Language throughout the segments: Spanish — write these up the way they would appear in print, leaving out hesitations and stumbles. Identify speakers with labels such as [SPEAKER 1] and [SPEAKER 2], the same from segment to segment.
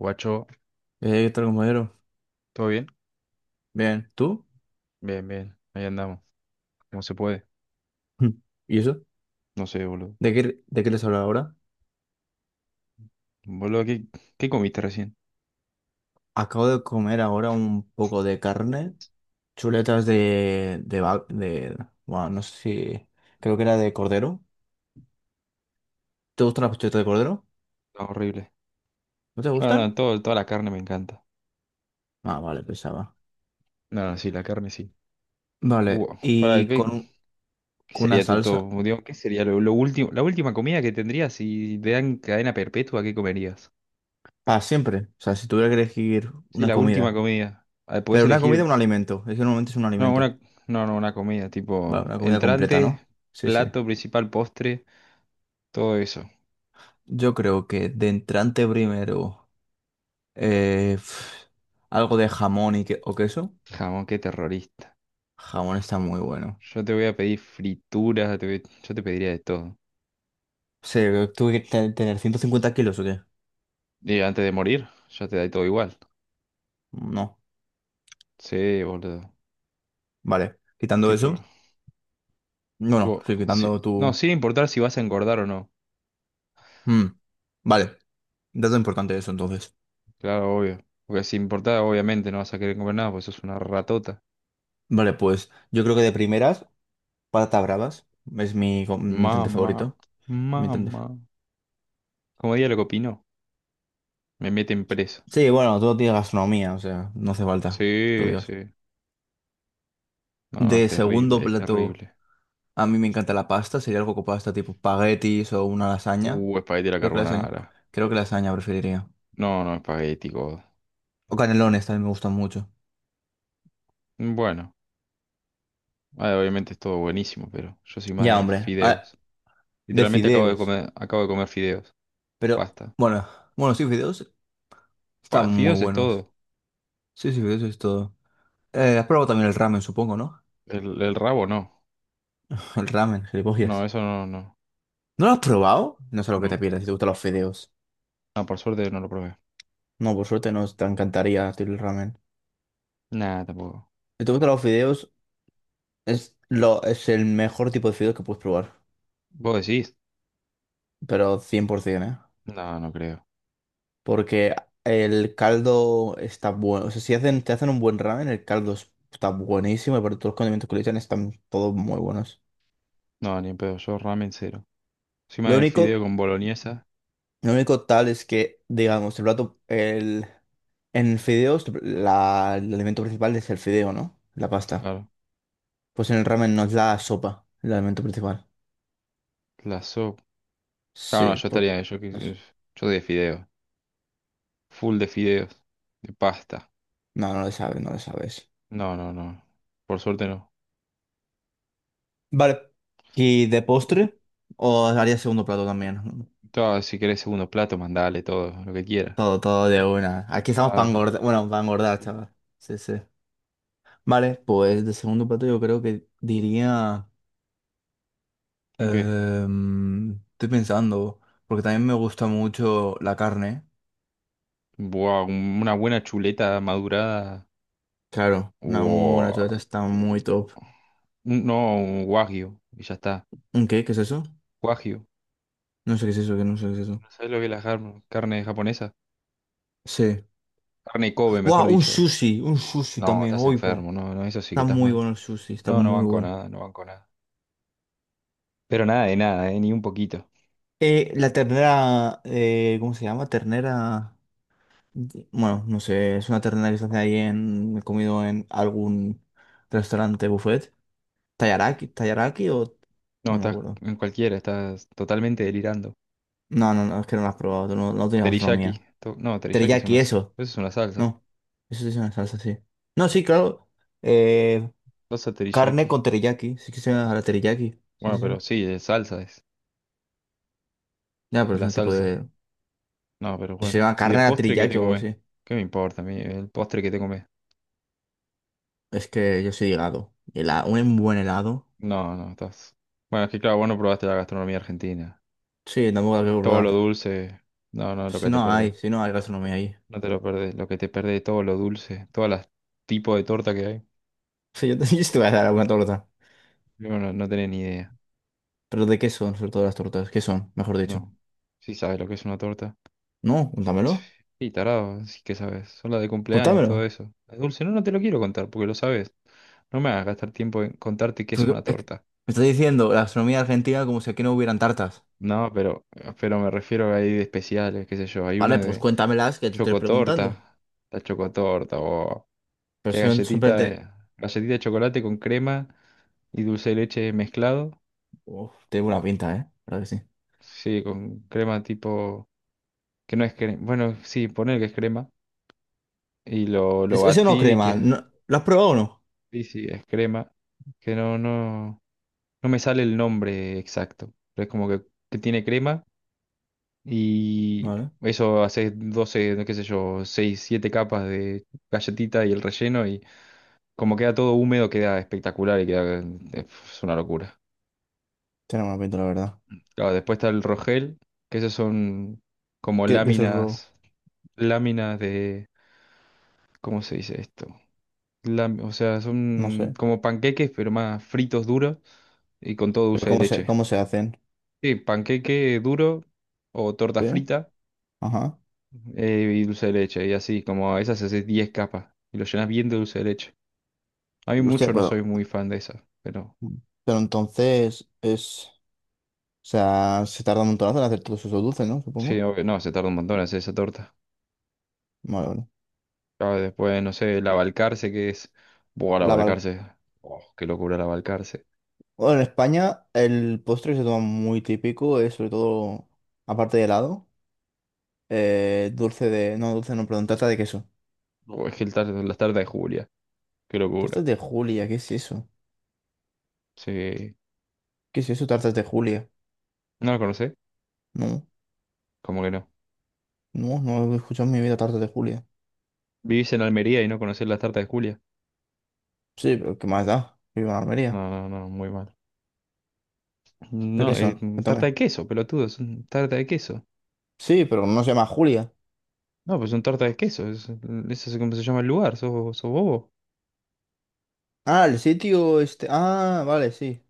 [SPEAKER 1] Guacho,
[SPEAKER 2] ¿Qué tal, compañero?
[SPEAKER 1] ¿todo bien?
[SPEAKER 2] Bien, ¿tú?
[SPEAKER 1] Bien, bien, ahí andamos. ¿Cómo se puede?
[SPEAKER 2] Mm. ¿Y eso?
[SPEAKER 1] No sé, boludo.
[SPEAKER 2] ¿De qué les hablo ahora?
[SPEAKER 1] Boludo, ¿qué comiste recién?
[SPEAKER 2] Acabo de comer ahora un poco de carne, chuletas de, bueno, no sé si, creo que era de cordero. ¿Te gustan las chuletas de cordero?
[SPEAKER 1] No, horrible.
[SPEAKER 2] ¿No te
[SPEAKER 1] Bueno, no,
[SPEAKER 2] gustan?
[SPEAKER 1] toda la carne me encanta.
[SPEAKER 2] Ah, vale, pensaba.
[SPEAKER 1] No, sí, la carne sí.
[SPEAKER 2] Vale,
[SPEAKER 1] Buah, para,
[SPEAKER 2] y
[SPEAKER 1] ¿qué, qué
[SPEAKER 2] con una
[SPEAKER 1] sería tu
[SPEAKER 2] salsa,
[SPEAKER 1] top? Digo, ¿qué sería la última comida que tendrías si te dan cadena perpetua, ¿qué comerías?
[SPEAKER 2] para siempre. O sea, si tuviera que elegir
[SPEAKER 1] Sí,
[SPEAKER 2] una
[SPEAKER 1] la última
[SPEAKER 2] comida.
[SPEAKER 1] comida. Ah, podés
[SPEAKER 2] Pero una
[SPEAKER 1] elegir,
[SPEAKER 2] comida, un alimento. Es que normalmente es un
[SPEAKER 1] no,
[SPEAKER 2] alimento.
[SPEAKER 1] una, no, no, una comida,
[SPEAKER 2] Vale,
[SPEAKER 1] tipo
[SPEAKER 2] una comida completa,
[SPEAKER 1] entrante,
[SPEAKER 2] ¿no? Sí, sí.
[SPEAKER 1] plato principal, postre, todo eso.
[SPEAKER 2] Yo creo que de entrante primero. Eh, pf, algo de jamón o queso.
[SPEAKER 1] Jamón, qué terrorista.
[SPEAKER 2] Jamón está muy bueno.
[SPEAKER 1] Yo te voy a pedir frituras, yo te pediría de todo.
[SPEAKER 2] Sí, ¿tuve que tener 150 kilos o qué?
[SPEAKER 1] Y antes de morir, ya te da todo igual.
[SPEAKER 2] No.
[SPEAKER 1] Sí, boludo.
[SPEAKER 2] Vale. Quitando eso.
[SPEAKER 1] Tipo,
[SPEAKER 2] No, no,
[SPEAKER 1] tipo,
[SPEAKER 2] sí,
[SPEAKER 1] sí-
[SPEAKER 2] quitando
[SPEAKER 1] no,
[SPEAKER 2] tu.
[SPEAKER 1] sin importar si vas a engordar o no.
[SPEAKER 2] Mm, vale. Dato importante eso entonces.
[SPEAKER 1] Claro, obvio. Porque si importa, obviamente no vas a querer comer nada, porque sos una ratota.
[SPEAKER 2] Vale, pues yo creo que de primeras, patatas bravas. Es mi intento
[SPEAKER 1] Mamá,
[SPEAKER 2] favorito. Mi intento-.
[SPEAKER 1] mamá. Como diría lo que opinó, me meten preso.
[SPEAKER 2] Sí, bueno, todo tiene gastronomía, o sea, no hace falta. Que lo
[SPEAKER 1] Sí,
[SPEAKER 2] digas.
[SPEAKER 1] sí. No, no, es
[SPEAKER 2] De segundo
[SPEAKER 1] terrible, es
[SPEAKER 2] plato.
[SPEAKER 1] terrible.
[SPEAKER 2] A mí me encanta la pasta, sería algo con pasta tipo espaguetis o una lasaña.
[SPEAKER 1] Espagueti a la
[SPEAKER 2] Creo que lasaña.
[SPEAKER 1] carbonara.
[SPEAKER 2] Creo que lasaña preferiría.
[SPEAKER 1] No, no, espagueti, God.
[SPEAKER 2] O canelones también me gustan mucho.
[SPEAKER 1] Bueno, obviamente es todo buenísimo, pero yo soy más
[SPEAKER 2] Ya,
[SPEAKER 1] de
[SPEAKER 2] hombre.
[SPEAKER 1] fideos.
[SPEAKER 2] De
[SPEAKER 1] Literalmente
[SPEAKER 2] fideos.
[SPEAKER 1] acabo de comer fideos.
[SPEAKER 2] Pero,
[SPEAKER 1] Pasta
[SPEAKER 2] bueno, bueno, sí, fideos están muy
[SPEAKER 1] Fideos es
[SPEAKER 2] buenos.
[SPEAKER 1] todo.
[SPEAKER 2] Sí, sí, fideos es todo. ¿Has probado también el ramen, supongo, ¿no?
[SPEAKER 1] El rabo no.
[SPEAKER 2] El ramen,
[SPEAKER 1] No,
[SPEAKER 2] gilipollas.
[SPEAKER 1] eso no, no.
[SPEAKER 2] ¿No lo has probado? No sé lo que te
[SPEAKER 1] No.
[SPEAKER 2] pierdes si te gustan los fideos.
[SPEAKER 1] No, por suerte no lo probé.
[SPEAKER 2] No, por suerte no te encantaría el ramen.
[SPEAKER 1] Nada, tampoco.
[SPEAKER 2] Si te gustan los fideos, es el mejor tipo de fideos que puedes probar.
[SPEAKER 1] ¿Vos decís?
[SPEAKER 2] Pero 100%, ¿eh?
[SPEAKER 1] No, no creo.
[SPEAKER 2] Porque el caldo está bueno. O sea, si hacen, te hacen un buen ramen, el caldo está buenísimo y por todos los condimentos que le echan están todos muy buenos.
[SPEAKER 1] No, ni en pedo. Yo ramen cero. Encima
[SPEAKER 2] Lo
[SPEAKER 1] del fideo
[SPEAKER 2] único,
[SPEAKER 1] con boloñesa.
[SPEAKER 2] lo único tal es que, digamos, el plato, en fideos, el alimento principal es el fideo, ¿no? La pasta.
[SPEAKER 1] Claro.
[SPEAKER 2] Pues en el ramen no es la sopa, el alimento principal.
[SPEAKER 1] La sopa. Claro, no,
[SPEAKER 2] Sí,
[SPEAKER 1] yo estaría.
[SPEAKER 2] pues.
[SPEAKER 1] Yo de fideos. Full de fideos. De pasta.
[SPEAKER 2] No, no lo sabes, no lo sabes.
[SPEAKER 1] No, no, no. Por suerte no.
[SPEAKER 2] Vale. ¿Y de postre? ¿O haría segundo plato también?
[SPEAKER 1] Todo, si querés segundo plato, mandale todo, lo que quieras.
[SPEAKER 2] Todo, todo de una. Aquí estamos para
[SPEAKER 1] Claro.
[SPEAKER 2] engordar. Bueno, para
[SPEAKER 1] Sí,
[SPEAKER 2] engordar,
[SPEAKER 1] sí.
[SPEAKER 2] chaval. Sí, sí. Vale, pues de segundo plato yo creo que diría.
[SPEAKER 1] Ok.
[SPEAKER 2] Estoy pensando, porque también me gusta mucho la carne.
[SPEAKER 1] Buah, una buena chuleta madurada.
[SPEAKER 2] Claro, una muy buena
[SPEAKER 1] Buah,
[SPEAKER 2] chuleta está muy top.
[SPEAKER 1] no, un wagyu. Y ya está.
[SPEAKER 2] ¿Un qué? ¿Qué es eso?
[SPEAKER 1] Wagyu.
[SPEAKER 2] No sé qué es eso, que no sé qué es eso.
[SPEAKER 1] ¿Sabes lo que es carne japonesa?
[SPEAKER 2] Sí.
[SPEAKER 1] Carne Kobe, mejor
[SPEAKER 2] ¡Wow! Un
[SPEAKER 1] dicho.
[SPEAKER 2] sushi, un sushi
[SPEAKER 1] No,
[SPEAKER 2] también.
[SPEAKER 1] estás
[SPEAKER 2] Uy, po.
[SPEAKER 1] enfermo. No, no, eso sí que
[SPEAKER 2] Está
[SPEAKER 1] estás
[SPEAKER 2] muy
[SPEAKER 1] mal.
[SPEAKER 2] bueno el sushi, está
[SPEAKER 1] No, no
[SPEAKER 2] muy
[SPEAKER 1] banco
[SPEAKER 2] bueno.
[SPEAKER 1] nada, no banco nada. Pero nada de nada, ni un poquito.
[SPEAKER 2] La ternera. ¿Cómo se llama? Ternera. Bueno, no sé, es una terna que se hace ahí en. He comido en algún restaurante buffet. ¿Tayaraki? ¿Tayaraki o?
[SPEAKER 1] No,
[SPEAKER 2] No me
[SPEAKER 1] estás
[SPEAKER 2] acuerdo.
[SPEAKER 1] en cualquiera, estás totalmente delirando.
[SPEAKER 2] No, no, no, es que no lo has probado, tú no, no tienes gastronomía.
[SPEAKER 1] No, teriyaki es
[SPEAKER 2] Teriyaki, eso.
[SPEAKER 1] eso es una salsa.
[SPEAKER 2] No, eso sí es una salsa, sí. No, sí, claro. Eh,
[SPEAKER 1] Salsa teriyaki.
[SPEAKER 2] Carne con teriyaki, sí que se llama la teriyaki. Sí,
[SPEAKER 1] Bueno,
[SPEAKER 2] sí,
[SPEAKER 1] pero
[SPEAKER 2] sí.
[SPEAKER 1] sí, es salsa es.
[SPEAKER 2] Ya, pero
[SPEAKER 1] es
[SPEAKER 2] es
[SPEAKER 1] La
[SPEAKER 2] un tipo
[SPEAKER 1] salsa.
[SPEAKER 2] de.
[SPEAKER 1] No, pero
[SPEAKER 2] Si se
[SPEAKER 1] bueno.
[SPEAKER 2] llama
[SPEAKER 1] ¿Y de
[SPEAKER 2] carne a la
[SPEAKER 1] postre qué
[SPEAKER 2] teriyaki
[SPEAKER 1] te
[SPEAKER 2] o algo
[SPEAKER 1] comes?
[SPEAKER 2] así.
[SPEAKER 1] ¿Qué me importa a mí el postre que te comes?
[SPEAKER 2] Es que yo soy de helado. Un buen helado.
[SPEAKER 1] No, no, estás... Bueno, es que claro, vos no probaste la gastronomía argentina.
[SPEAKER 2] Sí, tampoco hay que
[SPEAKER 1] Todo lo
[SPEAKER 2] probar.
[SPEAKER 1] dulce, no, no, lo
[SPEAKER 2] Si
[SPEAKER 1] que te
[SPEAKER 2] no
[SPEAKER 1] perdés.
[SPEAKER 2] hay, si no hay gastronomía ahí.
[SPEAKER 1] No te lo perdés, lo que te perdés, todo lo dulce, todos los tipos de torta que hay.
[SPEAKER 2] Sí, yo te, yo sí te voy a dar alguna torta.
[SPEAKER 1] Yo no, no tenés ni idea.
[SPEAKER 2] Pero ¿de qué son, sobre todo las tortas? ¿Qué son, mejor dicho?
[SPEAKER 1] No. Sí sabes lo que es una torta.
[SPEAKER 2] No, cuéntamelo.
[SPEAKER 1] Y tarado, sí que sabes. Son las de cumpleaños, todo
[SPEAKER 2] Cuéntamelo.
[SPEAKER 1] eso. Es dulce, no, no te lo quiero contar porque lo sabes. No me hagas gastar tiempo en contarte qué
[SPEAKER 2] Es
[SPEAKER 1] es
[SPEAKER 2] que-
[SPEAKER 1] una
[SPEAKER 2] es que
[SPEAKER 1] torta.
[SPEAKER 2] me estás diciendo la gastronomía argentina como si aquí no hubieran tartas.
[SPEAKER 1] No, pero me refiero a ahí de especiales, qué sé yo. Hay
[SPEAKER 2] Vale,
[SPEAKER 1] una
[SPEAKER 2] pues
[SPEAKER 1] de
[SPEAKER 2] cuéntamelas que te estoy preguntando.
[SPEAKER 1] chocotorta. La chocotorta, o
[SPEAKER 2] Pero
[SPEAKER 1] qué
[SPEAKER 2] son
[SPEAKER 1] galletita,
[SPEAKER 2] simplemente.
[SPEAKER 1] eh, galletita de chocolate con crema y dulce de leche mezclado.
[SPEAKER 2] Uf, tiene buena pinta, ¿eh? La verdad que sí.
[SPEAKER 1] Sí, con crema tipo, que no es crema. Bueno, sí, poner que es crema. Y lo
[SPEAKER 2] Eso no
[SPEAKER 1] batí y
[SPEAKER 2] crema.
[SPEAKER 1] que
[SPEAKER 2] ¿Lo has probado o no?
[SPEAKER 1] sí, sí, es crema. Que no, no, no me sale el nombre exacto. Pero es como que tiene crema. Y
[SPEAKER 2] Vale.
[SPEAKER 1] eso haces 12 no qué sé yo, 6 7 capas de galletita y el relleno y como queda todo húmedo queda espectacular y queda, es una locura.
[SPEAKER 2] Tiene buena pinta, la verdad.
[SPEAKER 1] Claro, después está el rogel, que esos son como
[SPEAKER 2] ¿Qué es el robo?
[SPEAKER 1] láminas de, ¿cómo se dice esto? O sea,
[SPEAKER 2] No sé.
[SPEAKER 1] son como panqueques pero más fritos duros y con todo
[SPEAKER 2] Pero
[SPEAKER 1] dulce de
[SPEAKER 2] ¿cómo se,
[SPEAKER 1] leche.
[SPEAKER 2] cómo se hacen?
[SPEAKER 1] Sí, panqueque duro o torta
[SPEAKER 2] ¿Sí?
[SPEAKER 1] frita
[SPEAKER 2] Ajá.
[SPEAKER 1] y dulce de leche, y así, como a esas haces 10 capas y lo llenas bien de dulce de leche. A mí
[SPEAKER 2] Hostia,
[SPEAKER 1] mucho no soy
[SPEAKER 2] pero.
[SPEAKER 1] muy fan de esas, pero
[SPEAKER 2] Pero entonces es. O sea, se tarda un montonazo en hacer todos esos dulces, ¿no?
[SPEAKER 1] sí,
[SPEAKER 2] Supongo.
[SPEAKER 1] obvio, no, se tarda un montón en hacer esa torta.
[SPEAKER 2] Vale, vale.
[SPEAKER 1] Ah, después, no sé, el
[SPEAKER 2] Eh,
[SPEAKER 1] abalcarce, que es. Buah, el
[SPEAKER 2] La val-
[SPEAKER 1] abalcarce. Oh, qué locura el abalcarce.
[SPEAKER 2] Bueno, en España el postre que se toma muy típico, es sobre todo, aparte de helado, dulce de. No, dulce no, perdón, tarta de queso.
[SPEAKER 1] No, o es que las tartas de Julia, qué locura.
[SPEAKER 2] Tartas de Julia, ¿qué es eso?
[SPEAKER 1] Sí.
[SPEAKER 2] ¿Qué es eso, tartas de Julia?
[SPEAKER 1] ¿No la conocés?
[SPEAKER 2] No,
[SPEAKER 1] Como que no.
[SPEAKER 2] no, no he escuchado en mi vida tartas de Julia.
[SPEAKER 1] ¿Vivís en Almería y no conocés las tartas de Julia?
[SPEAKER 2] Sí, pero ¿qué más da? Vivo en Almería.
[SPEAKER 1] No, no, no, muy mal.
[SPEAKER 2] ¿Pero qué
[SPEAKER 1] No,
[SPEAKER 2] son?
[SPEAKER 1] tarta
[SPEAKER 2] Cuéntame.
[SPEAKER 1] de queso, pelotudo, tarta de queso.
[SPEAKER 2] Sí, pero no se llama Julia.
[SPEAKER 1] No, pues son tarta de queso, eso es como se llama el lugar, sos bobo.
[SPEAKER 2] Ah, el sitio este. Ah, vale, sí.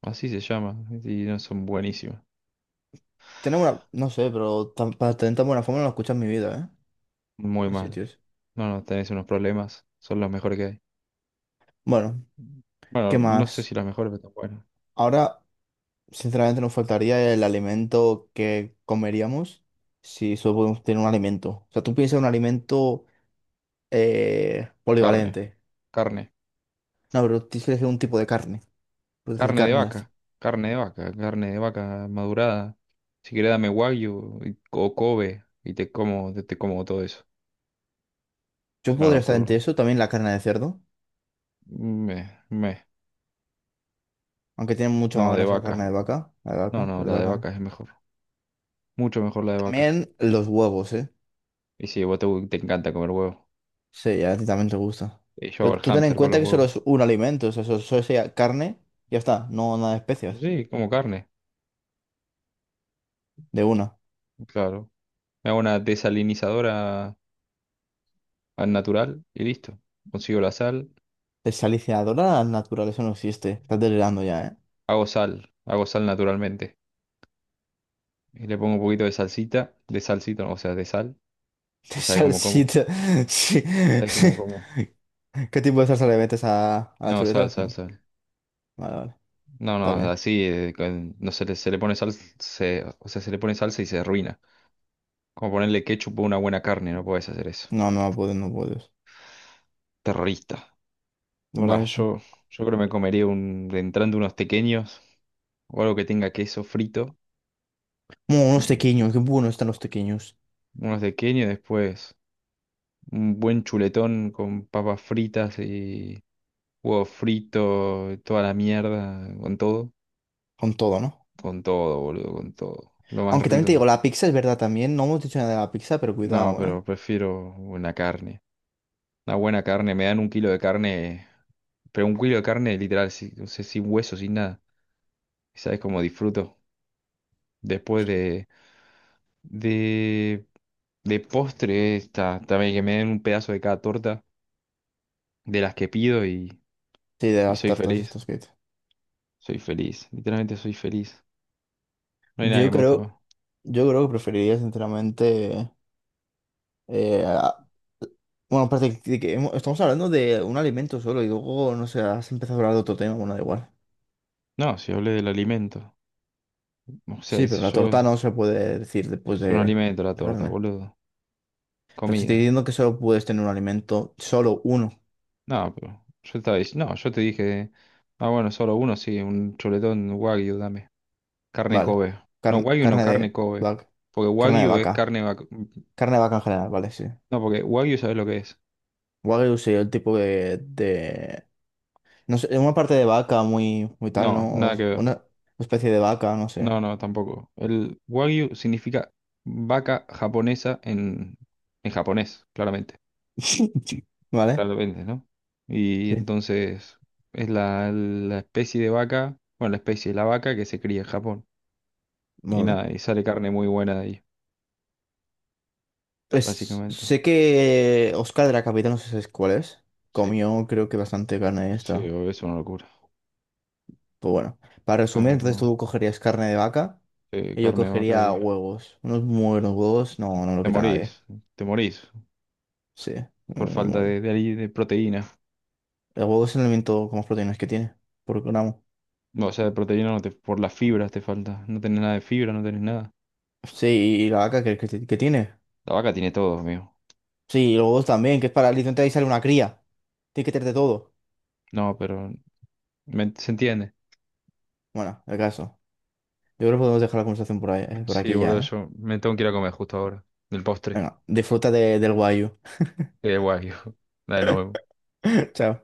[SPEAKER 1] Así se llama, y no son buenísimas,
[SPEAKER 2] Tenemos una. No sé, pero para tener tan buena forma no lo he escuchado en mi vida, ¿eh?
[SPEAKER 1] muy
[SPEAKER 2] Los
[SPEAKER 1] mal.
[SPEAKER 2] sitios.
[SPEAKER 1] No, no, tenés unos problemas, son los mejores que hay.
[SPEAKER 2] Bueno,
[SPEAKER 1] Bueno,
[SPEAKER 2] ¿qué
[SPEAKER 1] no sé
[SPEAKER 2] más?
[SPEAKER 1] si las mejores, pero están buenas.
[SPEAKER 2] Ahora, sinceramente, nos faltaría el alimento que comeríamos si solo podemos tener un alimento. O sea, tú piensas en un alimento,
[SPEAKER 1] Carne,
[SPEAKER 2] polivalente.
[SPEAKER 1] carne,
[SPEAKER 2] No, pero tienes que elegir un tipo de carne. Puedes decir
[SPEAKER 1] carne de
[SPEAKER 2] carne y ya está.
[SPEAKER 1] vaca, carne de vaca, carne de vaca madurada. Si querés dame wagyu o Kobe y te como, te como todo eso. Es
[SPEAKER 2] Yo
[SPEAKER 1] una
[SPEAKER 2] podría estar entre
[SPEAKER 1] locura.
[SPEAKER 2] eso, también la carne de cerdo,
[SPEAKER 1] Me, me,
[SPEAKER 2] aunque tiene mucha más
[SPEAKER 1] no, de
[SPEAKER 2] grasa que la carne
[SPEAKER 1] vaca.
[SPEAKER 2] de vaca. La de
[SPEAKER 1] No,
[SPEAKER 2] vaca,
[SPEAKER 1] no,
[SPEAKER 2] la de
[SPEAKER 1] la de
[SPEAKER 2] vaca.
[SPEAKER 1] vaca es mejor, mucho mejor la de vaca.
[SPEAKER 2] También los huevos, ¿eh?
[SPEAKER 1] Y si vos te encanta comer huevo.
[SPEAKER 2] Sí, a ti también te gusta.
[SPEAKER 1] Yo hago
[SPEAKER 2] Pero
[SPEAKER 1] el
[SPEAKER 2] tú ten en
[SPEAKER 1] hámster con
[SPEAKER 2] cuenta
[SPEAKER 1] los
[SPEAKER 2] que solo es
[SPEAKER 1] huevos.
[SPEAKER 2] un alimento, o sea, solo sería carne y ya está, no nada de especias,
[SPEAKER 1] Sí, como carne,
[SPEAKER 2] de una.
[SPEAKER 1] claro. Me hago una desalinizadora al natural y listo. Consigo la sal,
[SPEAKER 2] Desalinizadora de la naturaleza no existe. Estás delirando ya, ¿eh?
[SPEAKER 1] hago sal naturalmente. Y le pongo un poquito de salsita, o sea, de sal. Y sabe cómo como.
[SPEAKER 2] Salsita. Sí.
[SPEAKER 1] ¿Sabes cómo como?
[SPEAKER 2] ¿Qué tipo de salsa le metes a las
[SPEAKER 1] No, sal,
[SPEAKER 2] chuletas?
[SPEAKER 1] sal,
[SPEAKER 2] No.
[SPEAKER 1] sal.
[SPEAKER 2] Vale, vale.
[SPEAKER 1] No, no,
[SPEAKER 2] Está bien.
[SPEAKER 1] así, no se le, se le pone sal, se, o sea, se le pone salsa y se arruina. Como ponerle ketchup a una buena carne, no puedes hacer eso.
[SPEAKER 2] No, no puedes, no puedes.
[SPEAKER 1] Terrorista.
[SPEAKER 2] De verdad
[SPEAKER 1] Va,
[SPEAKER 2] eso.
[SPEAKER 1] yo creo que me comería entrando unos pequeños o algo que tenga queso frito,
[SPEAKER 2] Unos
[SPEAKER 1] mm,
[SPEAKER 2] tequeños. Qué buenos están los tequeños.
[SPEAKER 1] unos tequeños, después un buen chuletón con papas fritas y huevo frito, toda la mierda,
[SPEAKER 2] Con todo, ¿no?
[SPEAKER 1] con todo, boludo, con todo, lo más
[SPEAKER 2] Aunque también te digo,
[SPEAKER 1] rico.
[SPEAKER 2] la pizza es verdad también. No hemos dicho nada de la pizza, pero
[SPEAKER 1] No,
[SPEAKER 2] cuidado, ¿eh?
[SPEAKER 1] pero prefiero una carne, una buena carne, me dan un kilo de carne, pero un kilo de carne literal, sí, o sea, sin hueso, sin nada, ¿sabes cómo disfruto? Después de, de postre, está, también que me den un pedazo de cada torta de las que pido y,
[SPEAKER 2] Sí, de
[SPEAKER 1] y
[SPEAKER 2] las
[SPEAKER 1] soy
[SPEAKER 2] tartas
[SPEAKER 1] feliz.
[SPEAKER 2] estas que dices.
[SPEAKER 1] Soy feliz, literalmente soy feliz. No hay nada que
[SPEAKER 2] Yo
[SPEAKER 1] me guste más.
[SPEAKER 2] creo. Yo creo que preferiría, sinceramente. Eh, a- bueno, parece que estamos hablando de un alimento solo y luego, no sé, has empezado a hablar de otro tema, bueno, da igual.
[SPEAKER 1] No, si hablé del alimento. O sea,
[SPEAKER 2] Sí, pero
[SPEAKER 1] si
[SPEAKER 2] la
[SPEAKER 1] yo
[SPEAKER 2] torta no se puede decir después
[SPEAKER 1] es un
[SPEAKER 2] de
[SPEAKER 1] alimento la
[SPEAKER 2] la
[SPEAKER 1] torta,
[SPEAKER 2] carne.
[SPEAKER 1] boludo.
[SPEAKER 2] Pero te estoy
[SPEAKER 1] Comida.
[SPEAKER 2] diciendo que solo puedes tener un alimento, solo uno.
[SPEAKER 1] No, pero yo estaba diciendo, no, yo te dije, bueno, solo uno, sí, un chuletón wagyu, dame. Carne
[SPEAKER 2] Vale.
[SPEAKER 1] Kobe. No, wagyu no,
[SPEAKER 2] Carne
[SPEAKER 1] carne
[SPEAKER 2] de
[SPEAKER 1] Kobe.
[SPEAKER 2] vaca.
[SPEAKER 1] Porque
[SPEAKER 2] Carne de
[SPEAKER 1] wagyu es
[SPEAKER 2] vaca.
[SPEAKER 1] carne vacu-
[SPEAKER 2] Carne de vaca en general, vale, sí.
[SPEAKER 1] No, porque wagyu sabes lo que es.
[SPEAKER 2] Wagyu sí, el tipo de... No sé, una parte de vaca muy, muy tal,
[SPEAKER 1] No,
[SPEAKER 2] ¿no?
[SPEAKER 1] nada que ver.
[SPEAKER 2] Una especie de vaca, no sé.
[SPEAKER 1] No, no, tampoco. El wagyu significa vaca japonesa en japonés, claramente.
[SPEAKER 2] ¿Vale?
[SPEAKER 1] Claramente, ¿no? Y
[SPEAKER 2] Sí.
[SPEAKER 1] entonces es la especie de vaca, bueno, la especie de la vaca que se cría en Japón. Y
[SPEAKER 2] Vale.
[SPEAKER 1] nada, y sale carne muy buena de ahí,
[SPEAKER 2] Pues
[SPEAKER 1] básicamente.
[SPEAKER 2] sé que Oscar de la Capital, no sé si cuál es,
[SPEAKER 1] Sí,
[SPEAKER 2] comió creo que bastante carne de
[SPEAKER 1] sí,
[SPEAKER 2] esta.
[SPEAKER 1] obvio, es una locura.
[SPEAKER 2] Pues bueno, para resumir,
[SPEAKER 1] Carne,
[SPEAKER 2] entonces tú cogerías carne de vaca
[SPEAKER 1] sí,
[SPEAKER 2] y yo
[SPEAKER 1] carne de vaca
[SPEAKER 2] cogería
[SPEAKER 1] y
[SPEAKER 2] huevos. Unos muy buenos huevos, no, no lo
[SPEAKER 1] te
[SPEAKER 2] quita nadie.
[SPEAKER 1] morís, te morís
[SPEAKER 2] Sí, me,
[SPEAKER 1] por
[SPEAKER 2] me
[SPEAKER 1] falta
[SPEAKER 2] muero.
[SPEAKER 1] de proteína.
[SPEAKER 2] El huevo es el alimento con más proteínas que tiene, por gramo.
[SPEAKER 1] No, o sea, de proteína no te, por las fibras te falta. No tenés nada de fibra, no tenés nada.
[SPEAKER 2] Sí, y la vaca que tiene.
[SPEAKER 1] La vaca tiene todo, amigo.
[SPEAKER 2] Sí, y los huevos también, que es para literalmente ahí sale una cría. Tiene que tener de todo.
[SPEAKER 1] No, pero se entiende.
[SPEAKER 2] Bueno, el caso. Yo creo que podemos dejar la conversación por ahí, por
[SPEAKER 1] Sí,
[SPEAKER 2] aquí ya,
[SPEAKER 1] boludo,
[SPEAKER 2] ¿eh?
[SPEAKER 1] yo me tengo que ir a comer justo ahora. Del postre.
[SPEAKER 2] Venga, disfruta del guayu.
[SPEAKER 1] Guay, hijo. Dale, nos vemos.
[SPEAKER 2] Chao.